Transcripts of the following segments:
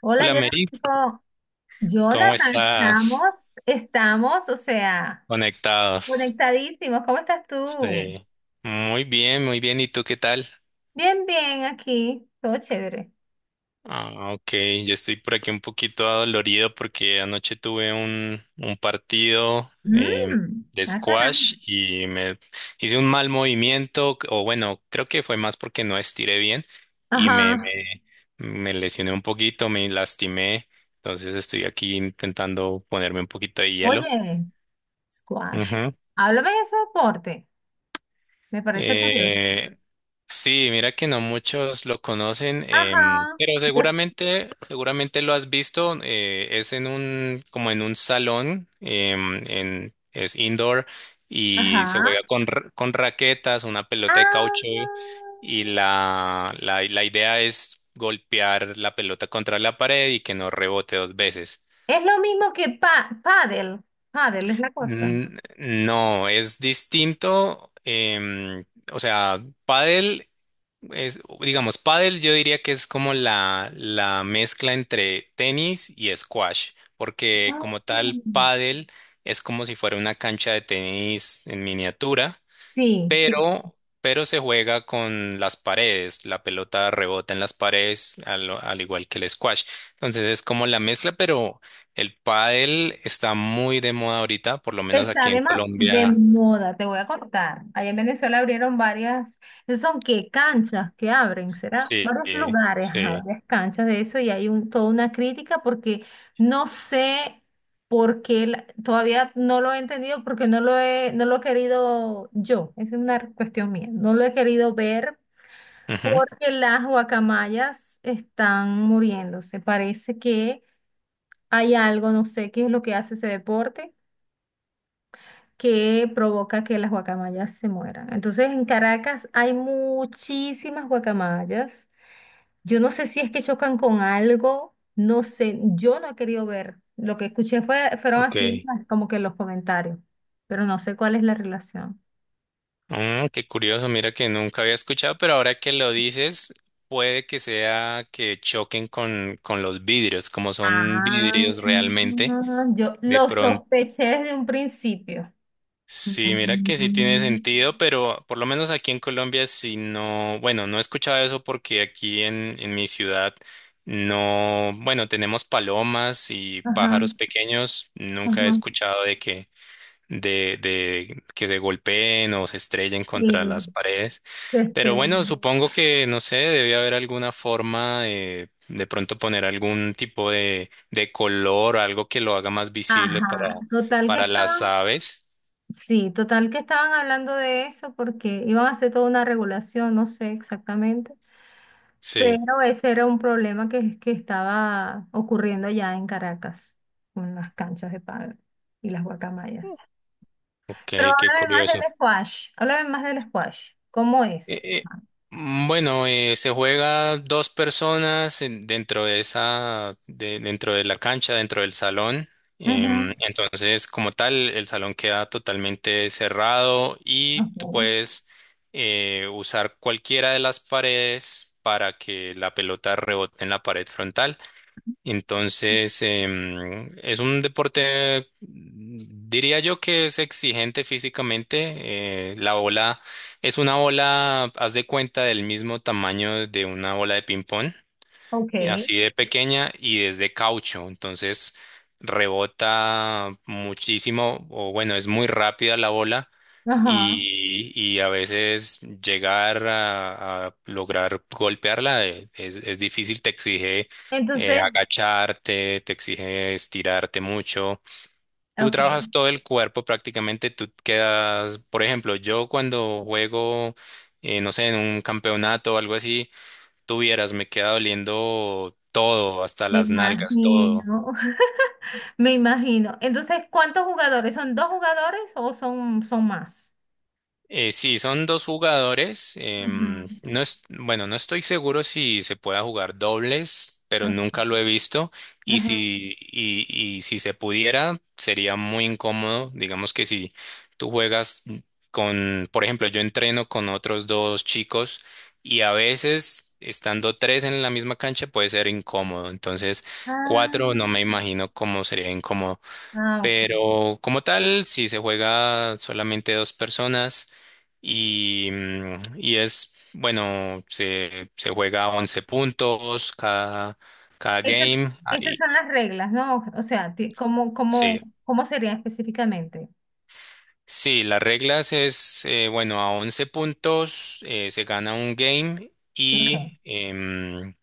Hola, Hola, Mary, Jonathan. ¿cómo Jonathan, estamos, estás? estamos, o sea, Conectados. conectadísimos. ¿Cómo estás tú? Sí. Muy bien, muy bien. ¿Y tú qué tal? Bien, bien, aquí, todo chévere. Ah, ok. Yo estoy por aquí un poquito adolorido porque anoche tuve un partido Mmm, de ah, caramba. squash y me hice un mal movimiento, o bueno, creo que fue más porque no estiré bien y Ajá. Me lesioné un poquito, me lastimé. Entonces estoy aquí intentando ponerme un poquito de hielo. Oye, squash. Háblame de ese deporte. Me parece curioso. Eh, sí, mira que no muchos lo conocen, Ajá. pero Yo- seguramente lo has visto. Es en un, como en un salón, es indoor y se Ajá. juega con, con raquetas, una pelota de caucho Ah, y la idea es golpear la pelota contra la pared y que no rebote dos veces. es lo mismo que pa pádel. Pádel es la cosa. No, es distinto. O sea, pádel. Es, digamos, pádel yo diría que es como la mezcla entre tenis y squash, porque como Ah, tal, pádel es como si fuera una cancha de tenis en miniatura, sí, sí. Pero se juega con las paredes, la pelota rebota en las paredes, al igual que el squash. Entonces es como la mezcla, pero el pádel está muy de moda ahorita, por lo menos Está aquí de, en de Colombia. moda, te voy a contar. Allá en Venezuela abrieron varias, ¿son qué? Canchas que abren, ¿será? Sí, Varios lugares, ajá, sí. varias canchas de eso y hay un, toda una crítica porque no sé por qué, todavía no lo he entendido porque no lo he querido yo, esa es una cuestión mía, no lo he querido ver Ujú. porque las guacamayas están muriéndose. Parece que hay algo, no sé qué es lo que hace ese deporte que provoca que las guacamayas se mueran. Entonces, en Caracas hay muchísimas guacamayas. Yo no sé si es que chocan con algo, no sé, yo no he querido ver. Lo que escuché fueron así Ok. como que los comentarios, pero no sé cuál es la relación. Mm, qué curioso, mira que nunca había escuchado, pero ahora que lo dices, puede que sea que choquen con los vidrios, como son Ah, vidrios realmente. yo De lo pronto, sospeché desde un principio. sí, mira que sí tiene Mm, sentido, pero por lo menos aquí en Colombia, si no, bueno, no he escuchado eso porque aquí en mi ciudad no, bueno, tenemos palomas y ajá, pájaros pequeños, nunca he ajá. escuchado de que de que se golpeen o se estrellen Sí, contra las paredes. se Pero estrelló. bueno, supongo que, no sé, debe haber alguna forma de pronto poner algún tipo de color, algo que lo haga más visible Ajá, total que para está. las aves. Sí, total que estaban hablando de eso porque iban a hacer toda una regulación, no sé exactamente, Sí, pero ese era un problema que estaba ocurriendo allá en Caracas con las canchas de pádel y las guacamayas. Pero ok, qué háblame más del curioso. squash, háblame más del squash, ¿cómo Eh, es? eh, bueno, se juega dos personas dentro de esa, dentro de la cancha, dentro del salón. Ujú, Entonces, como tal, el salón queda totalmente cerrado y tú ok, puedes usar cualquiera de las paredes para que la pelota rebote en la pared frontal. Entonces, es un deporte, mm, diría yo que es exigente físicamente. La bola es una bola, haz de cuenta, del mismo tamaño de una bola de ping-pong. ok, Y así de pequeña y desde caucho, entonces rebota muchísimo, o bueno, es muy rápida la bola ajá. Y a veces llegar a lograr golpearla, es difícil, te exige Entonces, agacharte, te exige estirarte mucho. Tú ok, trabajas todo el cuerpo prácticamente, tú quedas, por ejemplo, yo cuando juego, no sé, en un campeonato o algo así, tuvieras, me queda doliendo todo, hasta me las nalgas, todo. imagino, me imagino. Entonces, ¿cuántos jugadores? ¿Son dos jugadores o son, son más? Sí, son dos jugadores. Ujú. No es, bueno, no estoy seguro si se pueda jugar dobles, pero Ah, nunca lo he visto. Y ajá. si, y, y si se pudiera, sería muy incómodo. Digamos que si tú juegas con, por ejemplo, yo entreno con otros dos chicos y a veces estando tres en la misma cancha puede ser incómodo. Entonces, Ah, cuatro no me imagino cómo sería incómodo. ah, ok. Pero como tal, si se juega solamente dos personas y, mm, y es, bueno, se juega 11 puntos cada, cada Esas, game. esas Ahí, son las reglas, ¿no? O sea, ¿cómo, cómo, sí. cómo sería específicamente? Sí, las reglas es, bueno, a 11 puntos, se gana un game y Ok. em,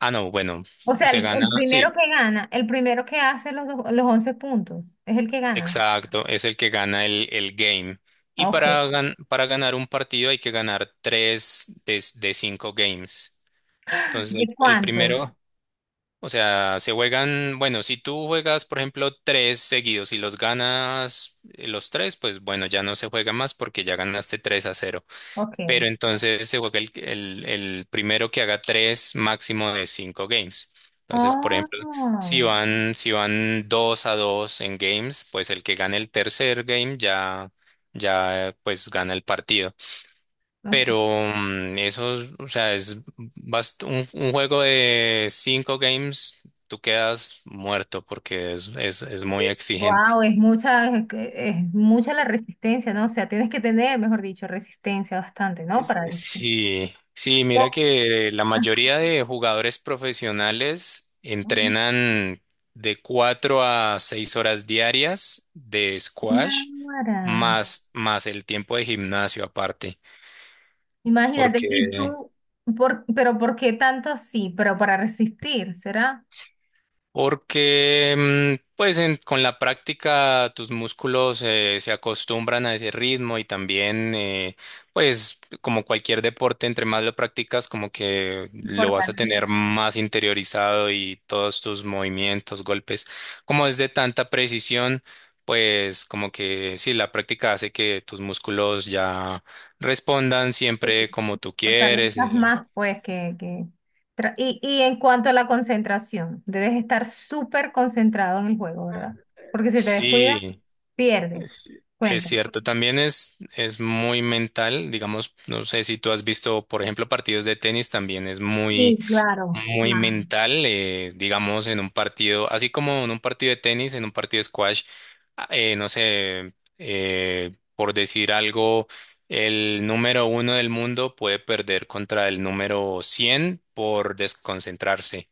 ah, no, bueno, O sea, se gana, el primero sí. que gana, el primero que hace los, los 11 puntos, es el que gana. Exacto, es el que gana el game. Y Ok. para, para ganar un partido hay que ganar tres de cinco games. Entonces, ¿De el cuántos? primero, o sea, se juegan, bueno, si tú juegas, por ejemplo, tres seguidos y los ganas, los tres, pues bueno, ya no se juega más porque ya ganaste tres a cero, Ok. pero entonces se juega el, el primero que haga tres, máximo de cinco games. Entonces, por ejemplo, Oh, si van dos a dos en games, pues el que gane el tercer game ya, ya pues gana el partido. ok. Pero mm, eso, es, o sea, es un juego de cinco games, tú quedas muerto porque es muy exigente. Wow, es mucha, es, es mucha la resistencia, ¿no? O sea, tienes que tener, mejor dicho, resistencia bastante, ¿no? Para eso. Sí, sí, mira Oh, que la mayoría de jugadores profesionales ajá. entrenan de cuatro a seis horas diarias de squash Náguara. más, más el tiempo de gimnasio aparte, Imagínate, y porque tú, pero ¿por qué tanto sí? Pero para resistir, ¿será? Porque mm, pues con la práctica tus músculos, se acostumbran a ese ritmo y también, pues como cualquier deporte, entre más lo practicas como que lo vas a Fortaleces, tener más interiorizado y todos tus movimientos, golpes, como es de tanta precisión, pues como que sí, la práctica hace que tus músculos ya respondan siempre como tú quieres. fortalezas más, pues, que... Y, y en cuanto a la concentración, debes estar súper concentrado en el juego, ¿verdad? Porque si te descuidas, Sí, pierdes. Es, es Cuenta. cierto, también es muy mental, digamos, no sé si tú has visto, por ejemplo, partidos de tenis, también es Sí, muy, claro, muy claro. mental, digamos, en un partido, así como en un partido de tenis, en un partido de squash, no sé, por decir algo, el número uno del mundo puede perder contra el número 100 por desconcentrarse.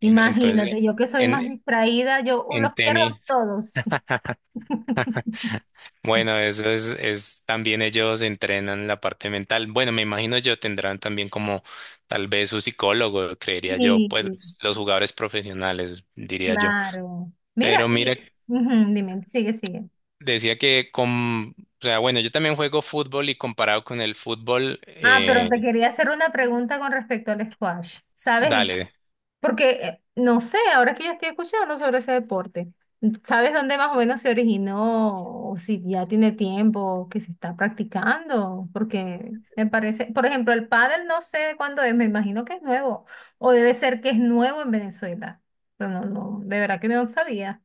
Entonces, yo que soy más en, distraída, yo los en pierdo tenis. todos. Bueno, eso es también ellos entrenan la parte mental. Bueno, me imagino yo tendrán también como tal vez su psicólogo, creería yo, Sí. pues los jugadores profesionales, diría yo. Claro. Mira, Pero mira, y ujú, dime, sigue, sigue. decía que con, o sea, bueno, yo también juego fútbol y comparado con el fútbol, Ah, pero te quería hacer una pregunta con respecto al squash. ¿Sabes? dale, Porque, no sé, ahora que yo estoy escuchando sobre ese deporte, ¿sabes dónde más o menos se originó? O si ya tiene tiempo que se está practicando. Porque me parece, por ejemplo, el pádel no sé cuándo es, me imagino que es nuevo. O debe ser que es nuevo en Venezuela. Pero no, no, de verdad que no sabía.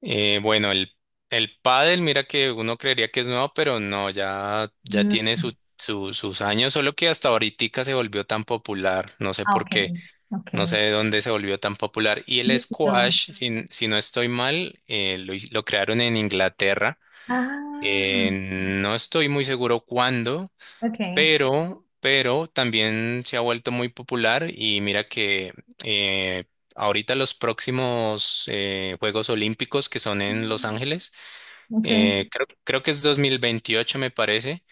bueno, el pádel, mira que uno creería que es nuevo, pero no, ya, ya Mm. tiene su, sus años, solo que hasta ahorita se volvió tan popular, no sé Ah, ok, por qué. ok. No sé de dónde se volvió tan popular. Y el No. squash, si, si no estoy mal, lo crearon en Inglaterra. Ah, No estoy muy seguro cuándo, ok. Pero también se ha vuelto muy popular. Y mira que eh, ahorita los próximos, Juegos Olímpicos que son en Los Mm, Ángeles, ok. Creo, creo que es 2028, me parece.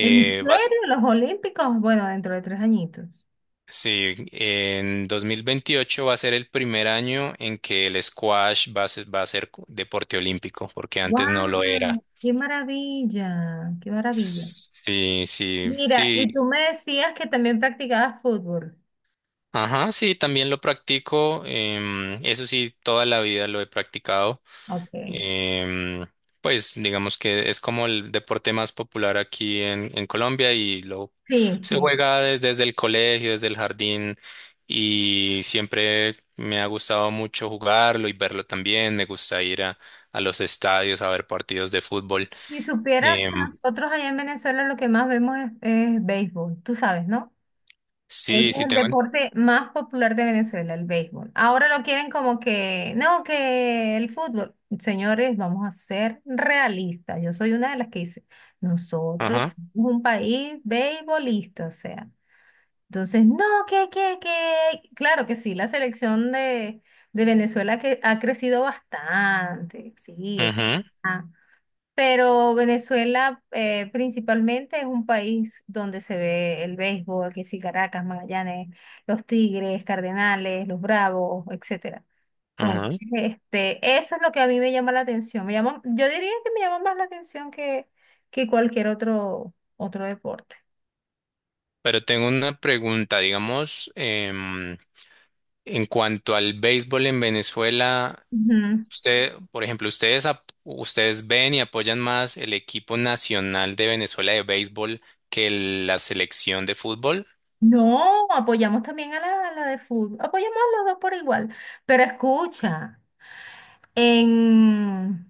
¿En Va serio? ¿Los Olímpicos? Bueno, dentro de tres añitos. Sí, en 2028 va a ser el primer año en que el squash va a ser deporte olímpico, porque antes no lo era. ¡Wow! ¡Qué maravilla! ¡Qué maravilla! Sí, sí, Mira, y tú sí. me decías que también practicabas fútbol. Ajá, sí, también lo practico. Eso sí, toda la vida lo he practicado. Ok. Em, pues digamos que es como el deporte más popular aquí en Colombia y lo Sí, se sí. juega desde el colegio, desde el jardín y siempre me ha gustado mucho jugarlo y verlo también. Me gusta ir a los estadios a ver partidos de fútbol. Si supieras Em, que nosotros allá en Venezuela lo que más vemos es béisbol, tú sabes, ¿no? Ese es sí, sí el tengo. deporte más popular de Venezuela, el béisbol. Ahora lo quieren como que, no, que el fútbol. Señores, vamos a ser realistas. Yo soy una de las que dice, nosotros Ajá, somos un país beisbolista, o sea. Entonces, no, que, que. Claro que sí, la selección de Venezuela que ha crecido bastante. Sí, eso. ajá, Pero Venezuela principalmente es un país donde se ve el béisbol, que sí, Caracas, Magallanes, los Tigres, Cardenales, los Bravos, etcétera. Entonces, ajá. este, eso es lo que a mí me llama la atención. Me llama, yo diría que me llama más la atención que cualquier otro, otro deporte. Pero tengo una pregunta, digamos, en cuanto al béisbol en Venezuela. Ujú. Usted, por ejemplo, ustedes, ustedes ven y apoyan más el equipo nacional de Venezuela de béisbol que la selección de fútbol. No, apoyamos también a la de fútbol, apoyamos a los dos por igual, pero escucha, en,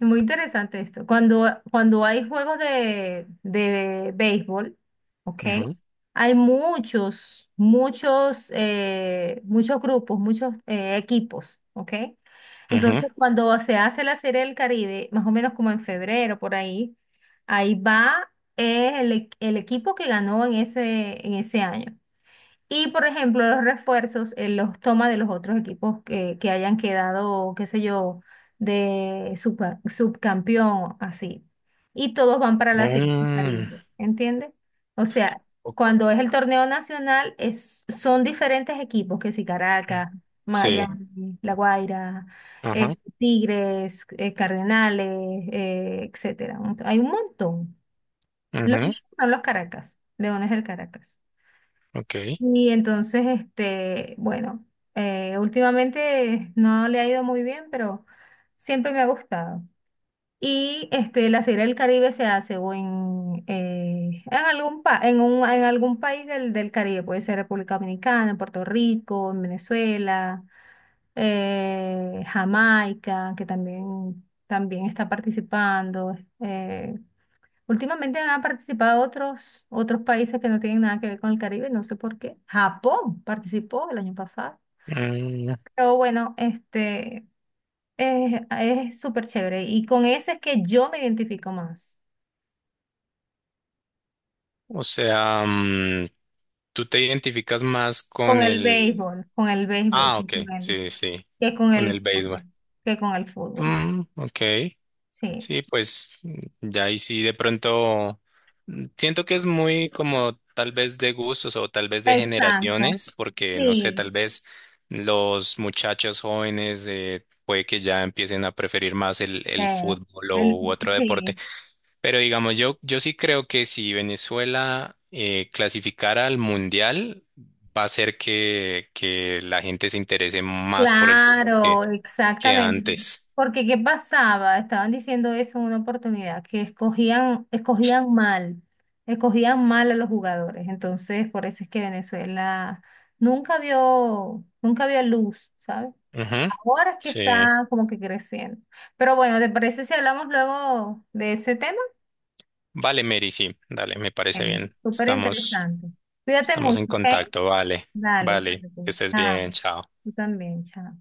muy interesante esto. Cuando, cuando hay juegos de béisbol, ¿ok? Ujú, Hay muchos, muchos, muchos grupos, muchos equipos, ¿ok? ujú. Entonces, cuando se hace la Serie del Caribe, más o menos como en febrero, por ahí, ahí va el, el equipo que ganó en ese año. Y por ejemplo, los refuerzos, los toma de los otros equipos que hayan quedado, qué sé yo, de subcampeón, así. Y todos van para la serie de Mm, Caribe, ¿entiendes? O sea, o- cuando es el torneo nacional, es, son diferentes equipos, que si Caracas, Sí. Miami, La Guaira, eh, Ajá. Tigres, Cardenales, etcétera. Hay un montón. Los Ujú, míos son los Caracas, Leones del Caracas. ok. Y entonces, este, bueno, últimamente no le ha ido muy bien, pero siempre me ha gustado. Y este, la Serie del Caribe se hace o en algún en un, en algún país del, del Caribe, puede ser República Dominicana, en Puerto Rico, en Venezuela, Jamaica, que también, también está participando. eh, Últimamente han participado otros, otros países que no tienen nada que ver con el Caribe, no sé por qué. Japón participó el año pasado. Mm, Pero bueno, este es súper chévere. Y con ese es que yo me identifico más. o sea, mm, tú te identificas más con el... Con el béisbol, Ah, ok. principalmente, Sí, sí. que con Con el el fútbol, béisbol. que con el fútbol. Mm, ok. Sí, Sí, pues ya ahí sí de pronto mm, siento que es muy como tal vez de gustos o tal vez de exacto. generaciones, porque no sé, Sí, tal vez los muchachos jóvenes, puede que ya empiecen a preferir más el eh, fútbol o, el, u otro deporte. sí. Pero digamos, yo sí creo que si Venezuela, clasificara al Mundial, va a hacer que la gente se interese más por el fútbol Claro, que exactamente. antes. Porque ¿qué pasaba? Estaban diciendo eso en una oportunidad, que escogían, escogían mal a los jugadores. Entonces, por eso es que Venezuela nunca vio, nunca vio luz, ¿sabes? Ujú, Ahora es que sí. está como que creciendo. Pero bueno, ¿te parece si hablamos luego de ese tema? Vale, Mary, sí, dale, me parece Bueno, bien. súper Estamos, interesante. Cuídate estamos en mucho, ¿ok? contacto, vale, Dale. vale, que Ok, estés chao. bien, chao. Tú también, chao.